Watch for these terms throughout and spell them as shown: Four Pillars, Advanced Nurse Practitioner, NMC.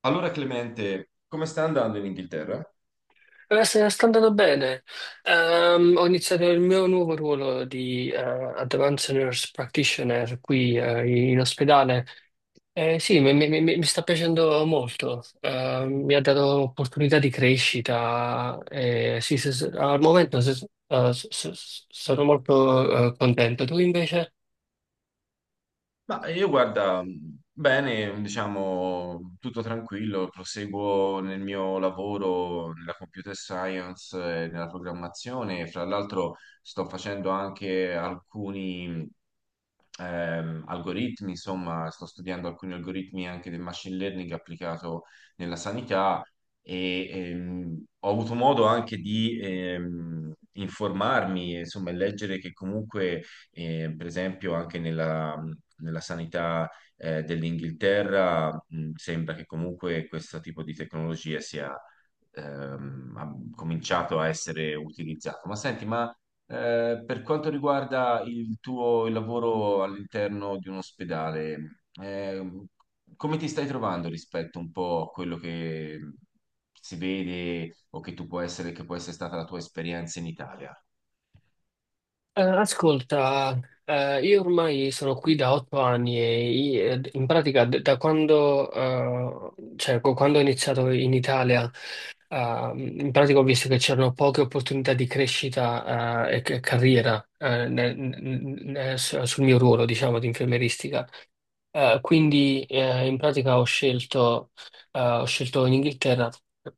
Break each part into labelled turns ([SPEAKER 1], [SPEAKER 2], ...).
[SPEAKER 1] Allora, Clemente, come sta andando in Inghilterra?
[SPEAKER 2] Sta andando bene. Ho iniziato il mio nuovo ruolo di Advanced Nurse Practitioner qui, in ospedale. Sì, mi sta piacendo molto. Mi ha dato opportunità di crescita. Sì, al momento sono molto contento. Tu invece?
[SPEAKER 1] Ma io guarda, bene, diciamo, tutto tranquillo, proseguo nel mio lavoro nella computer science e nella programmazione, fra l'altro sto facendo anche alcuni algoritmi. Insomma, sto studiando alcuni algoritmi anche del machine learning applicato nella sanità, e ho avuto modo anche di informarmi, insomma, e leggere che comunque, per esempio, anche nella, nella sanità dell'Inghilterra, sembra che comunque questo tipo di tecnologia sia... ha cominciato a essere utilizzato. Ma senti, ma per quanto riguarda il tuo lavoro all'interno di un ospedale, come ti stai trovando rispetto un po' a quello che si vede o che tu può essere, che può essere stata la tua esperienza in Italia?
[SPEAKER 2] Ascolta, io ormai sono qui da 8 anni e in pratica da quando, quando ho iniziato in Italia, in pratica ho visto che c'erano poche opportunità di crescita, e carriera, sul mio ruolo, diciamo, di infermieristica. Quindi in pratica ho scelto in Inghilterra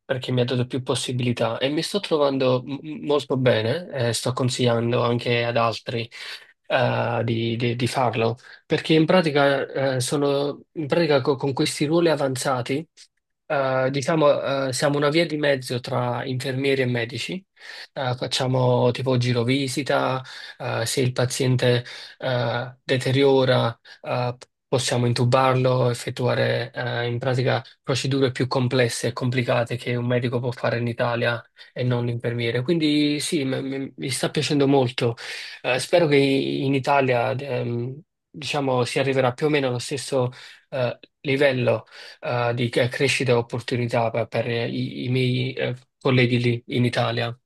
[SPEAKER 2] perché mi ha dato più possibilità e mi sto trovando molto bene e sto consigliando anche ad altri di farlo perché in pratica, sono, in pratica con questi ruoli avanzati diciamo, siamo una via di mezzo tra infermieri e medici. Facciamo tipo girovisita, se il paziente deteriora, eh, possiamo intubarlo, effettuare in pratica procedure più complesse e complicate che un medico può fare in Italia e non l'infermiere. Quindi sì, mi sta piacendo molto. Spero che in Italia, diciamo, si arriverà più o meno allo stesso livello di crescita e opportunità per i miei colleghi lì in Italia.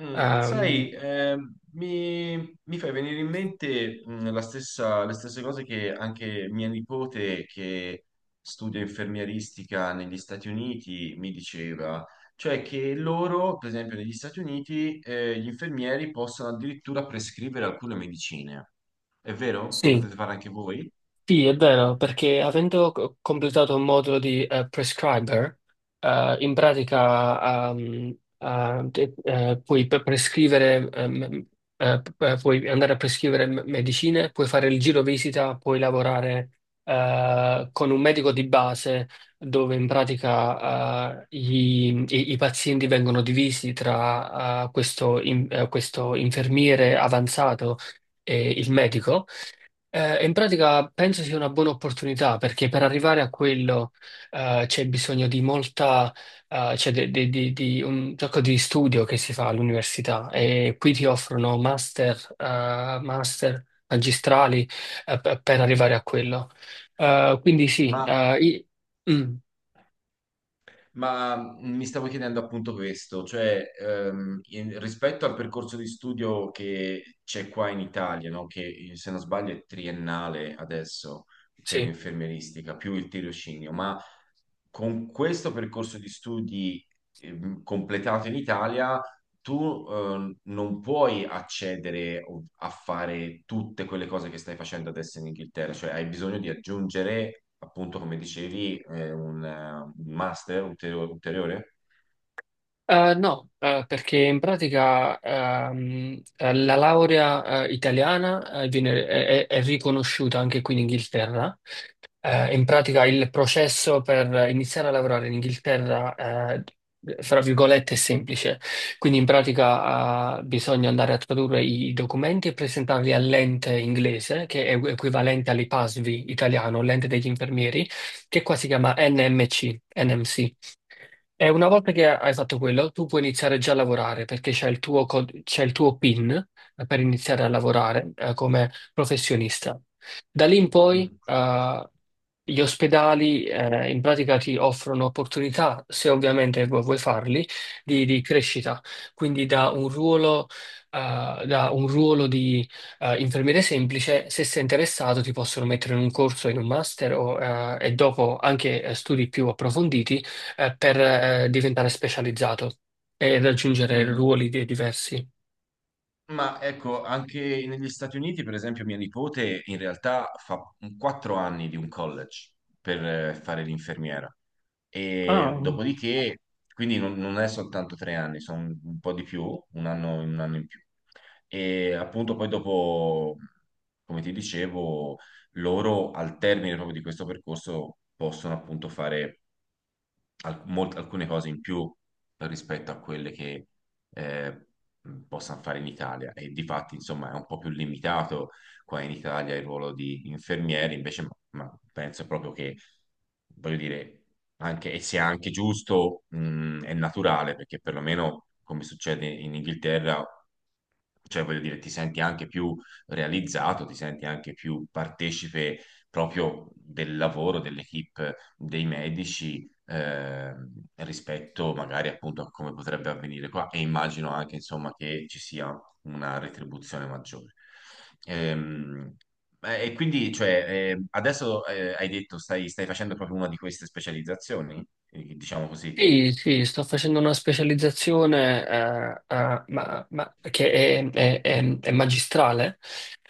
[SPEAKER 1] Mm,
[SPEAKER 2] Ehm,
[SPEAKER 1] sai, mi, mi fai venire in mente mm, le stesse cose che anche mia nipote, che studia infermieristica negli Stati Uniti, mi diceva. Cioè che loro, per esempio, negli Stati Uniti, gli infermieri possono addirittura prescrivere alcune medicine. È vero? Lo
[SPEAKER 2] sì.
[SPEAKER 1] potete fare anche voi?
[SPEAKER 2] Sì, è vero, perché avendo completato un modulo di prescriber, in pratica puoi prescrivere, puoi andare a prescrivere medicine, puoi fare il giro visita, puoi lavorare con un medico di base dove in pratica i pazienti vengono divisi tra questo questo infermiere avanzato e il medico. In pratica penso sia una buona opportunità perché per arrivare a quello c'è bisogno di molta, di un sacco di studio che si fa all'università e qui ti offrono master, master magistrali per arrivare a quello. Eh, quindi sì, eh, i- mm,
[SPEAKER 1] Ma mi stavo chiedendo appunto questo, cioè rispetto al percorso di studio che c'è qua in Italia, no? Che se non sbaglio è triennale adesso per
[SPEAKER 2] sì.
[SPEAKER 1] infermieristica, più il tirocinio, ma con questo percorso di studi completato in Italia, tu non puoi accedere a fare tutte quelle cose che stai facendo adesso in Inghilterra. Cioè hai bisogno di aggiungere, appunto, come dicevi, un master ulteriore.
[SPEAKER 2] No, perché in pratica la laurea italiana è riconosciuta anche qui in Inghilterra. In pratica il processo per iniziare a lavorare in Inghilterra, fra virgolette, è semplice. Quindi in pratica, bisogna andare a tradurre i documenti e presentarli all'ente inglese, che è equivalente all'IPASVI italiano, l'ente degli infermieri, che qua si chiama NMC, NMC. E una volta che hai fatto quello, tu puoi iniziare già a lavorare perché c'è il tuo, c'è il tuo PIN per iniziare a lavorare come professionista. Da lì in poi,
[SPEAKER 1] Mm.
[SPEAKER 2] gli ospedali, in pratica ti offrono opportunità, se ovviamente vuoi farli, di crescita. Quindi da un ruolo di, infermiere semplice, se sei interessato, ti possono mettere in un corso, in un master o, e dopo anche studi più approfonditi per diventare specializzato e raggiungere
[SPEAKER 1] Mm.
[SPEAKER 2] diversi.
[SPEAKER 1] Ma ecco, anche negli Stati Uniti, per esempio, mia nipote in realtà fa 4 anni di un college per fare l'infermiera.
[SPEAKER 2] Ah.
[SPEAKER 1] E dopodiché, quindi non, non è soltanto 3 anni, sono un po' di più, un anno in più. E appunto poi dopo, come ti dicevo, loro al termine proprio di questo percorso possono appunto fare alcune cose in più rispetto a quelle che eh, possano fare in Italia. E di fatti, insomma, è un po' più limitato qua in Italia il ruolo di infermieri invece. Ma penso proprio che, voglio dire, anche, e sia anche giusto è naturale, perché perlomeno come succede in Inghilterra, cioè voglio dire, ti senti anche più realizzato, ti senti anche più partecipe proprio del lavoro dell'equipe dei medici, ehm, rispetto magari appunto a come potrebbe avvenire qua. E immagino anche, insomma, che ci sia una retribuzione maggiore. Ehm, e quindi cioè, adesso hai detto stai facendo proprio una di queste specializzazioni, diciamo così.
[SPEAKER 2] Sì, sì, sto facendo una specializzazione che è magistrale.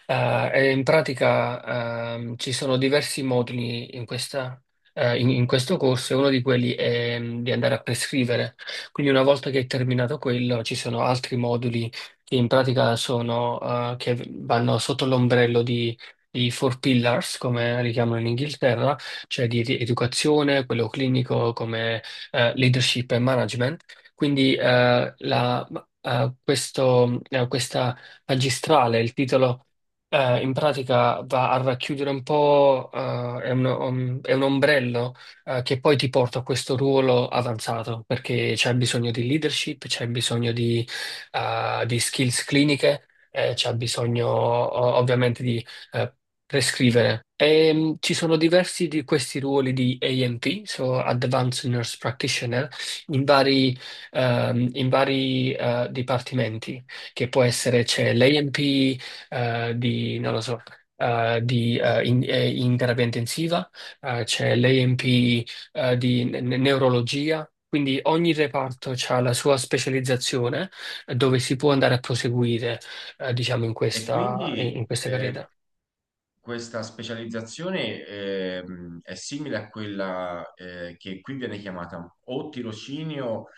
[SPEAKER 2] E in pratica ci sono diversi moduli in in questo corso e uno di quelli è di andare a prescrivere. Quindi una volta che è terminato quello, ci sono altri moduli che in pratica sono, che vanno sotto l'ombrello di Four Pillars, come li chiamano in Inghilterra, cioè di educazione, quello clinico come leadership e management. Quindi questa magistrale, il titolo in pratica va a racchiudere un po', è un, è un ombrello che poi ti porta a questo ruolo avanzato, perché c'è bisogno di leadership, c'è bisogno di skills cliniche, c'è bisogno ovviamente di eh, prescrivere. E, ci sono diversi di questi ruoli di ANP, so Advanced Nurse Practitioner, in vari, in vari, dipartimenti, che può essere c'è l'ANP di, non lo so, in terapia intensiva, c'è l'ANP di neurologia. Quindi ogni reparto ha la sua specializzazione dove si può andare a proseguire, diciamo, in
[SPEAKER 1] E
[SPEAKER 2] questa,
[SPEAKER 1] quindi
[SPEAKER 2] in questa carriera.
[SPEAKER 1] questa specializzazione è simile a quella che qui viene chiamata o tirocinio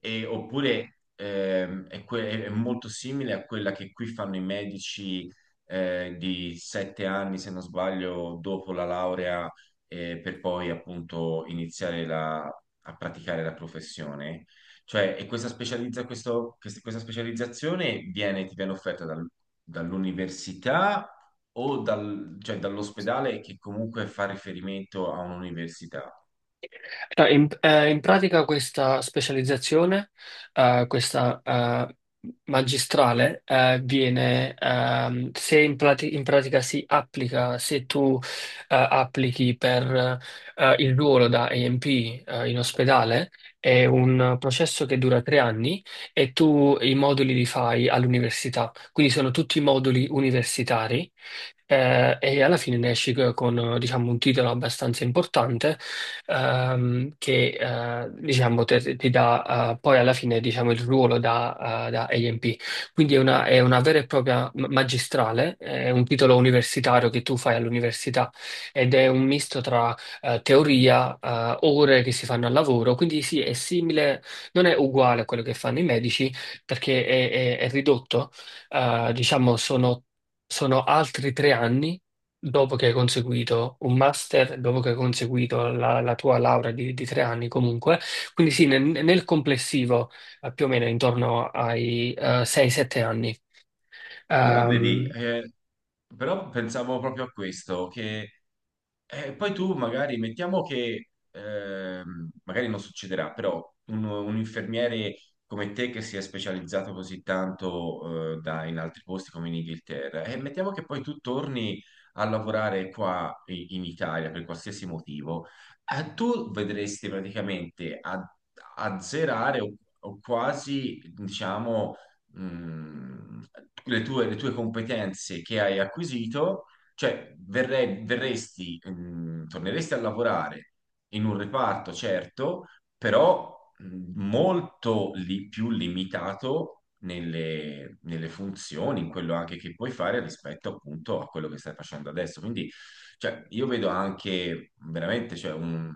[SPEAKER 1] oppure è, è molto simile a quella che qui fanno i medici di 7 anni, se non sbaglio, dopo la laurea, per poi appunto iniziare a praticare la professione. Cioè, e questa, questa specializzazione viene, ti viene offerta dall'università o cioè, dall'ospedale che comunque fa riferimento a un'università.
[SPEAKER 2] No, in pratica questa specializzazione, questa magistrale, viene, se in, prati- in pratica si applica, se tu applichi per il ruolo da AMP in ospedale, è un processo che dura 3 anni e tu i moduli li fai all'università, quindi sono tutti moduli universitari. E alla fine ne esci con, diciamo, un titolo abbastanza importante che diciamo, ti dà poi alla fine diciamo, il ruolo da, da AMP. Quindi è una vera e propria magistrale, è un titolo universitario che tu fai all'università ed è un misto tra teoria, ore che si fanno al lavoro, quindi sì, è simile, non è uguale a quello che fanno i medici perché è ridotto, diciamo sono... Sono altri 3 anni dopo che hai conseguito un master, dopo che hai conseguito la tua laurea di 3 anni comunque, quindi sì, nel complessivo più o meno intorno ai 6-7 anni.
[SPEAKER 1] Però vedi,
[SPEAKER 2] Ehm,
[SPEAKER 1] però pensavo proprio a questo, che e poi tu magari, mettiamo che, magari non succederà, però un infermiere come te che si è specializzato così tanto, in altri posti come in Inghilterra, e mettiamo che poi tu torni a lavorare qua in Italia per qualsiasi motivo, tu vedresti praticamente a, azzerare o quasi, diciamo, mh, le tue competenze che hai acquisito. Cioè, verresti, mm, torneresti a lavorare in un reparto, certo, però mm, più limitato nelle, nelle funzioni, in quello anche che puoi fare rispetto appunto a quello che stai facendo adesso. Quindi, cioè, io vedo anche veramente, cioè,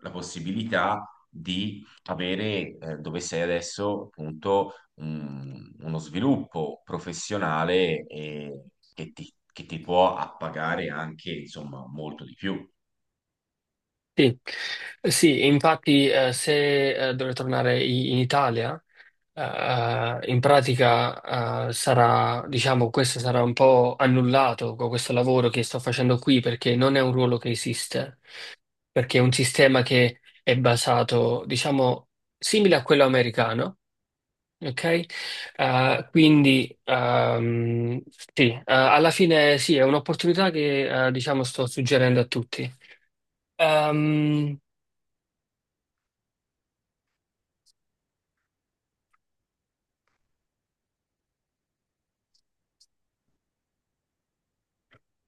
[SPEAKER 1] la possibilità di avere, dove sei adesso, appunto uno sviluppo professionale che ti può appagare anche, insomma, molto di più.
[SPEAKER 2] sì. Sì, infatti se dovrei tornare in Italia, in pratica sarà, diciamo, questo sarà un po' annullato con questo lavoro che sto facendo qui perché non è un ruolo che esiste. Perché è un sistema che è basato, diciamo, simile a quello americano, ok? Quindi, sì, alla fine sì, è un'opportunità che, diciamo, sto suggerendo a tutti. Ehm,